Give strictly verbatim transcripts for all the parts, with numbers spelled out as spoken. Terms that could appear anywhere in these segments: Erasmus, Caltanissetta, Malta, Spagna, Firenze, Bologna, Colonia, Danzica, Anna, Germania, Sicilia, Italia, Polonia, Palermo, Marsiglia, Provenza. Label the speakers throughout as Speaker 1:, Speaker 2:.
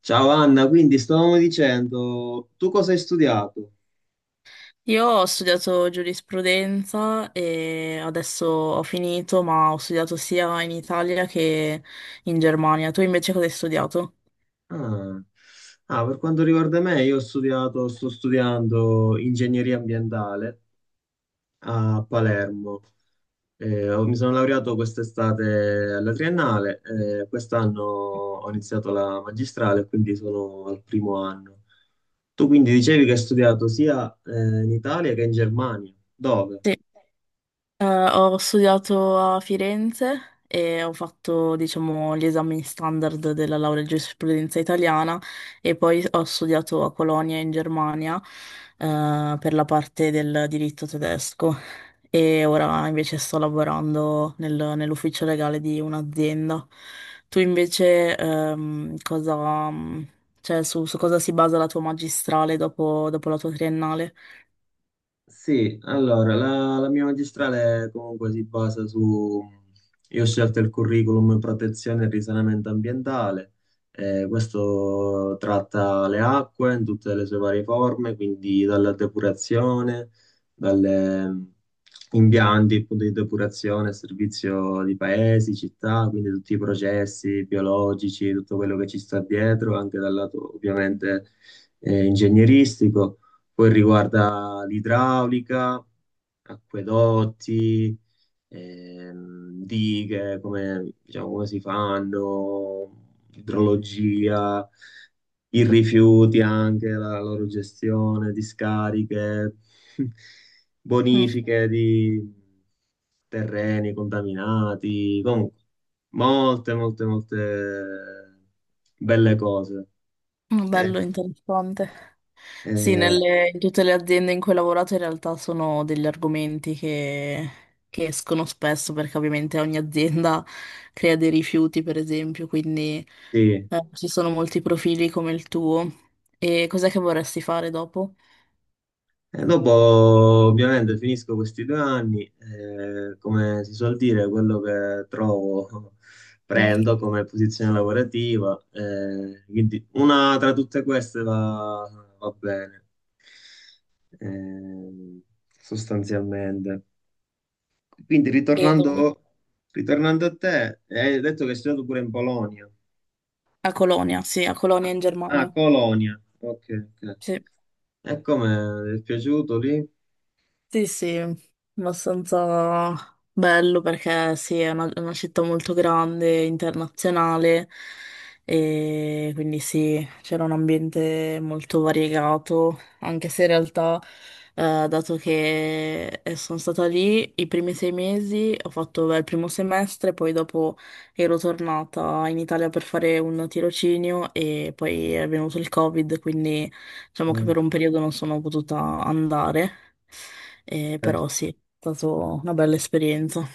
Speaker 1: Ciao Anna, quindi stavamo dicendo, tu cosa hai studiato?
Speaker 2: Io ho studiato giurisprudenza e adesso ho finito, ma ho studiato sia in Italia che in Germania. Tu invece cosa hai studiato?
Speaker 1: Ah, ah, per quanto riguarda me, io ho studiato, sto studiando ingegneria ambientale a Palermo. Eh, ho- mi sono laureato quest'estate alla triennale. Eh, quest'anno ho iniziato la magistrale, quindi sono al primo anno. Tu quindi dicevi che hai studiato sia eh, in Italia che in Germania. Dove?
Speaker 2: Sì. Eh, Ho studiato a Firenze e ho fatto, diciamo, gli esami standard della laurea in giurisprudenza italiana e poi ho studiato a Colonia in Germania, eh, per la parte del diritto tedesco e ora invece sto lavorando nel- nell'ufficio legale di un'azienda. Tu invece, ehm, cosa, cioè, su, su cosa si basa la tua magistrale dopo, dopo la tua triennale?
Speaker 1: Sì, allora, la, la mia magistrale comunque si basa su... Io ho scelto il curriculum protezione e risanamento ambientale. Eh, questo tratta le acque in tutte le sue varie forme, quindi dalla depurazione, dalle mm, impianti appunto, di depurazione, servizio di paesi, città, quindi tutti i processi biologici, tutto quello che ci sta dietro, anche dal lato ovviamente eh, ingegneristico, poi riguarda l'idraulica, acquedotti, ehm, dighe, come, diciamo, come si fanno, idrologia, i rifiuti anche, la loro gestione, discariche,
Speaker 2: Mm,
Speaker 1: bonifiche di terreni contaminati, comunque molte, molte, molte belle cose. Eh,
Speaker 2: bello, interessante. Sì,
Speaker 1: eh,
Speaker 2: nelle- in tutte le aziende in cui ho lavorato in realtà sono degli argomenti che, che escono spesso perché ovviamente ogni azienda crea dei rifiuti, per esempio, quindi
Speaker 1: sì,
Speaker 2: eh, ci sono molti profili come il tuo. E cos'è che vorresti fare dopo?
Speaker 1: e dopo ovviamente finisco questi due anni, eh, come si suol dire, quello che trovo
Speaker 2: Mm.
Speaker 1: prendo come posizione lavorativa, eh, quindi una tra tutte queste va, va bene, ehm, sostanzialmente. Quindi
Speaker 2: E dove?
Speaker 1: ritornando, Ritornando a te, hai detto che hai studiato pure in Polonia.
Speaker 2: A Colonia, sì, a Colonia
Speaker 1: Ah,
Speaker 2: in
Speaker 1: ah,
Speaker 2: Germania.
Speaker 1: Colonia, ok, ok.
Speaker 2: Sì.
Speaker 1: E come ti è piaciuto lì?
Speaker 2: Sì, sì, abbastanza bello perché sì, è una, è una città molto grande, internazionale e quindi sì, c'era un ambiente molto variegato, anche se in realtà, eh, dato che eh, sono stata lì i primi sei mesi, ho fatto beh, il primo semestre, poi dopo ero tornata in Italia per fare un tirocinio e poi è venuto il Covid, quindi diciamo che
Speaker 1: Mm.
Speaker 2: per un periodo non sono potuta andare. Eh,
Speaker 1: Certo.
Speaker 2: però sì, è stata una bella esperienza.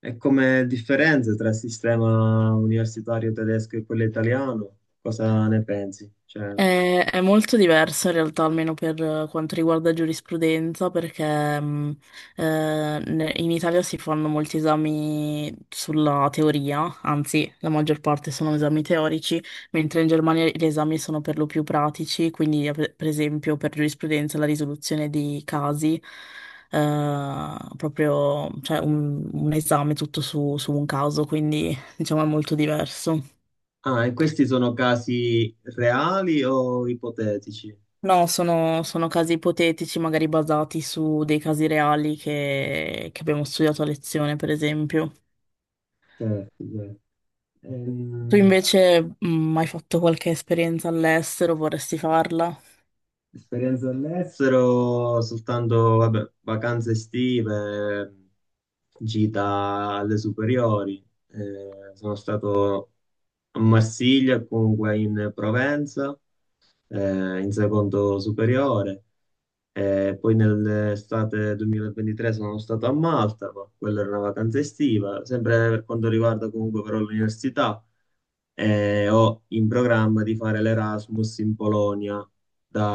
Speaker 1: E come differenze tra il sistema universitario tedesco e quello italiano? Cosa ne pensi? Cioè,
Speaker 2: È, è molto diverso in realtà, almeno per eh, quanto riguarda giurisprudenza, perché mh, eh, ne- in Italia si fanno molti esami sulla teoria, anzi, la maggior parte sono esami teorici, mentre in Germania gli esami sono per lo più pratici, quindi eh, per per esempio per giurisprudenza la risoluzione di casi. Eh, proprio, cioè un, un esame tutto su su un caso, quindi diciamo è molto diverso.
Speaker 1: ah, e questi sono casi reali o ipotetici?
Speaker 2: No, sono, sono casi ipotetici, magari basati su dei casi reali che, che abbiamo studiato a lezione, per esempio.
Speaker 1: Certo, certo.
Speaker 2: Tu
Speaker 1: Ehm,
Speaker 2: invece, mh, hai fatto qualche esperienza all'estero? Vorresti farla?
Speaker 1: Esperienze all'estero, soltanto vabbè, vacanze estive, gita alle superiori. Eh, sono stato a Marsiglia, comunque in Provenza, eh, in secondo superiore. Eh, poi nell'estate duemilaventitré sono stato a Malta, ma quella era una vacanza estiva. Sempre per quanto riguarda comunque però l'università, eh, ho in programma di fare l'Erasmus in Polonia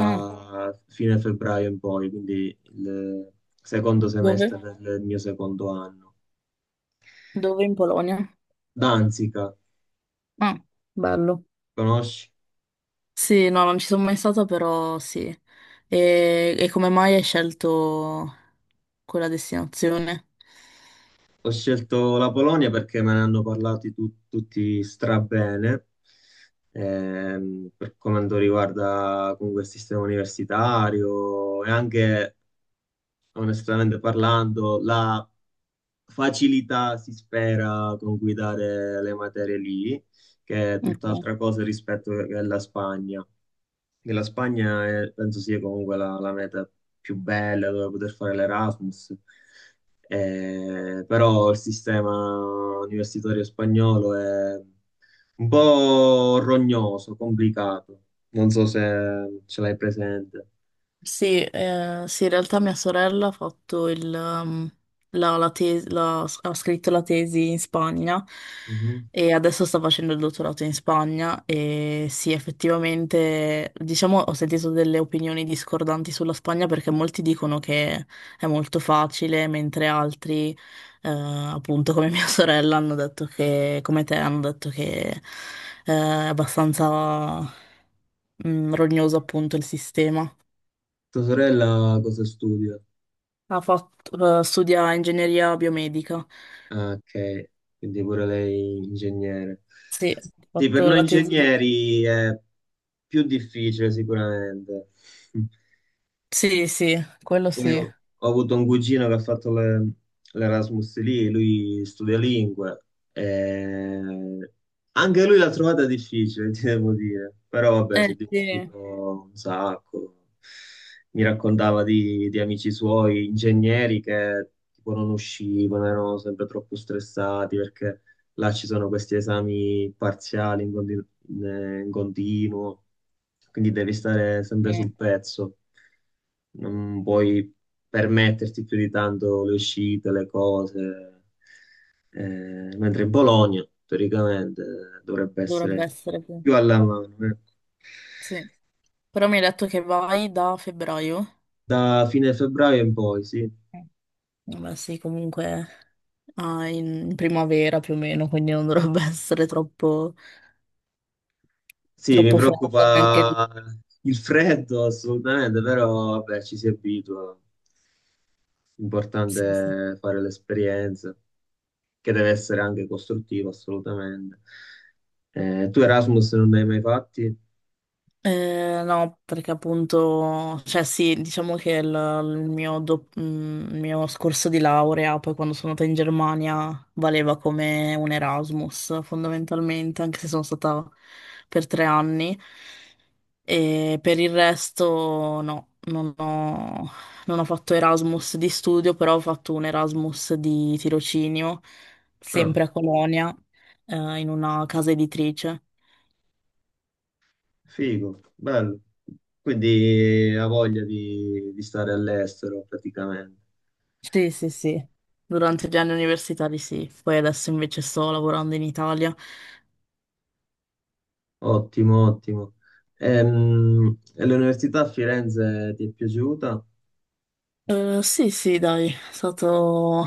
Speaker 2: Ah,
Speaker 1: fine febbraio in poi, quindi il secondo
Speaker 2: dove?
Speaker 1: semestre del mio secondo anno.
Speaker 2: Dove in Polonia?
Speaker 1: Danzica,
Speaker 2: Ah, bello.
Speaker 1: conosci?
Speaker 2: Sì, no, non ci sono mai stata, però sì. E, e come mai hai scelto quella destinazione?
Speaker 1: Ho scelto la Polonia perché me ne hanno parlato tu- tutti strabene. Ehm, per quanto riguarda comunque il sistema universitario e anche, onestamente parlando, la facilità, si spera, con cui dare le materie lì, che è tutt'altra cosa rispetto alla Spagna. Che la Spagna è- Penso sia comunque la, la meta più bella dove poter fare l'Erasmus. Eh, però il sistema universitario spagnolo è un po' rognoso, complicato. Non so se ce l'hai presente.
Speaker 2: Sì, eh, sì, in realtà mia sorella ha fatto il, um, la, la tesi, la- ha scritto la tesi in Spagna
Speaker 1: Mhm.
Speaker 2: e adesso sta facendo il dottorato in Spagna e sì, effettivamente, diciamo, ho sentito delle opinioni discordanti sulla Spagna perché molti dicono che è molto facile, mentre altri, eh, appunto come mia sorella, hanno detto che, come te, hanno detto che, eh, è abbastanza, mm, rognoso appunto il sistema.
Speaker 1: Tua sorella cosa studia?
Speaker 2: Ha fatto, eh, studia ingegneria biomedica.
Speaker 1: Ah, ok, quindi pure lei ingegnere.
Speaker 2: Sì, ho
Speaker 1: Sì, per
Speaker 2: fatto
Speaker 1: noi
Speaker 2: la tesi lì.
Speaker 1: ingegneri è più difficile sicuramente.
Speaker 2: Sì, sì, quello
Speaker 1: Poi
Speaker 2: sì.
Speaker 1: ho, ho avuto un cugino che ha fatto le- l'Erasmus lì, lui studia lingue, e anche lui l'ha trovata difficile, ti devo dire, però vabbè, si è
Speaker 2: Eh sì,
Speaker 1: divertito un sacco. Mi raccontava di, di amici suoi, ingegneri che tipo non uscivano, erano sempre troppo stressati perché là ci sono questi esami parziali in, conti- in eh, in continuo, quindi devi stare sempre sul
Speaker 2: sì,
Speaker 1: pezzo, non puoi permetterti più di tanto le uscite, le cose. Eh, mentre in Bologna teoricamente dovrebbe
Speaker 2: dovrebbe
Speaker 1: essere
Speaker 2: essere, sì.
Speaker 1: più alla mano, ecco.
Speaker 2: Sì. Però mi hai detto che vai da febbraio?
Speaker 1: Da fine febbraio in poi, sì.
Speaker 2: Eh. Vabbè, sì, comunque ah, in primavera più o meno, quindi non dovrebbe essere troppo,
Speaker 1: Sì, mi
Speaker 2: troppo freddo neanche lì.
Speaker 1: preoccupa il freddo assolutamente, però vabbè, ci si abitua.
Speaker 2: Sì, sì.
Speaker 1: Importante è fare l'esperienza, che deve essere anche costruttiva, assolutamente. Eh, tu Erasmus non ne hai mai fatti?
Speaker 2: Eh, no, perché appunto, cioè sì, diciamo che il, il mio, dop- mm, il mio scorso di laurea, poi quando sono andata in Germania, valeva come un Erasmus fondamentalmente, anche se sono stata per tre anni. E per il resto no, non ho, non ho fatto Erasmus di studio, però ho fatto un Erasmus di tirocinio,
Speaker 1: Ah,
Speaker 2: sempre a Colonia, eh, in una casa editrice.
Speaker 1: figo, bello. Quindi ha voglia di, di stare all'estero praticamente.
Speaker 2: Sì, sì, sì, durante gli anni universitari sì, poi adesso invece sto lavorando in Italia.
Speaker 1: Ottimo, ottimo. Ehm, E, l'università a Firenze ti è piaciuta?
Speaker 2: Eh, sì, sì, dai, è stato...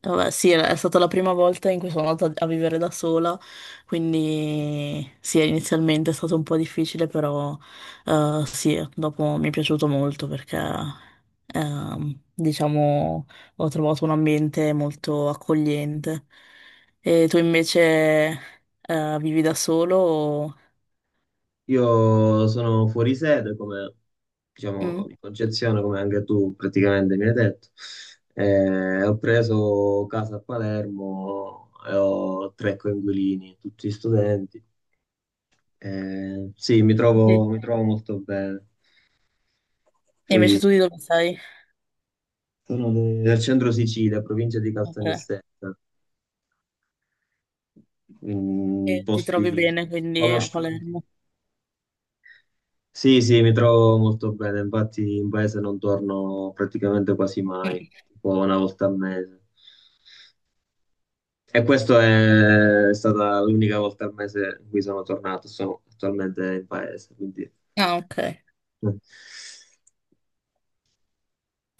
Speaker 2: Vabbè, sì, è stata la prima volta in cui sono andata a vivere da sola, quindi sì, inizialmente è stato un po' difficile, però eh, sì, dopo mi è piaciuto molto perché, ehm, diciamo, ho trovato un ambiente molto accogliente. E tu invece eh, vivi da solo o...
Speaker 1: Io sono fuori sede, come
Speaker 2: Mm?
Speaker 1: diciamo di Concezione, come anche tu praticamente mi hai detto. Eh, ho preso casa a Palermo e ho tre coinquilini, tutti studenti. Eh, sì, mi
Speaker 2: Sì.
Speaker 1: trovo, mi trovo molto bene.
Speaker 2: E invece
Speaker 1: Poi
Speaker 2: tu di dove sei? Eh,
Speaker 1: sono de- del centro Sicilia, provincia di
Speaker 2: Ok.
Speaker 1: Caltanissetta, mm,
Speaker 2: E ti trovi
Speaker 1: posti
Speaker 2: bene quindi a
Speaker 1: conosciuti.
Speaker 2: Palermo.
Speaker 1: Sì, sì, mi trovo molto bene, infatti in paese non torno praticamente quasi mai,
Speaker 2: Mm.
Speaker 1: tipo una volta al mese. E questa è stata l'unica volta al mese in cui sono tornato, sono attualmente in paese, quindi...
Speaker 2: Ah, ok.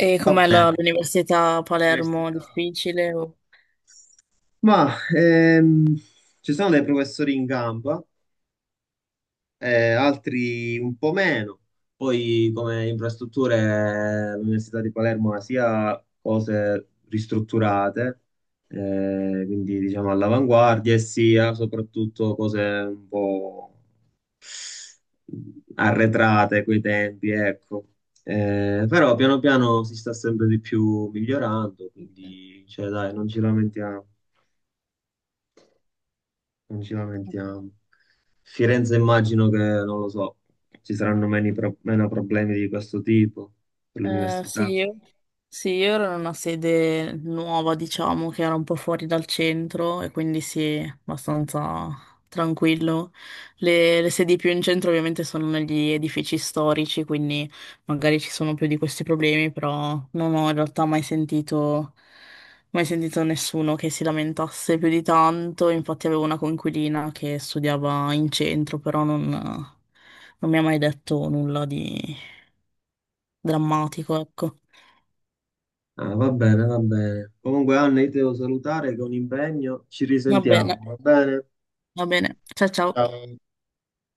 Speaker 2: E
Speaker 1: Va
Speaker 2: com'è la-
Speaker 1: bene,
Speaker 2: l'università a Palermo?
Speaker 1: l'università.
Speaker 2: Difficile? O-
Speaker 1: Ma ehm, ci sono dei professori in gamba, eh, altri un po' meno. Poi come infrastrutture eh, l'Università di Palermo ha sia cose ristrutturate, eh, quindi diciamo all'avanguardia, e sia soprattutto cose un po' arretrate coi tempi, ecco. Eh, però piano piano si sta sempre di più migliorando, quindi cioè, dai, non ci lamentiamo, non ci
Speaker 2: sì.
Speaker 1: lamentiamo. Firenze immagino che, non lo so, ci saranno meni pro- meno problemi di questo tipo per
Speaker 2: Eh, sì,
Speaker 1: l'università.
Speaker 2: io, sì, io ero in una sede nuova, diciamo, che era un po' fuori dal centro e quindi sì, abbastanza tranquillo. Le, le sedi più in centro ovviamente sono negli edifici storici, quindi magari ci sono più di questi problemi, però non ho in realtà mai sentito, mai sentito nessuno che si lamentasse più di tanto. Infatti avevo una coinquilina che studiava in centro, però non non mi ha mai detto nulla di drammatico, ecco.
Speaker 1: Ah, va bene, va bene. Comunque, Anna, io ti devo salutare che ho un impegno. Ci
Speaker 2: Va
Speaker 1: risentiamo,
Speaker 2: bene,
Speaker 1: va bene?
Speaker 2: va bene. Ciao ciao.
Speaker 1: Ciao.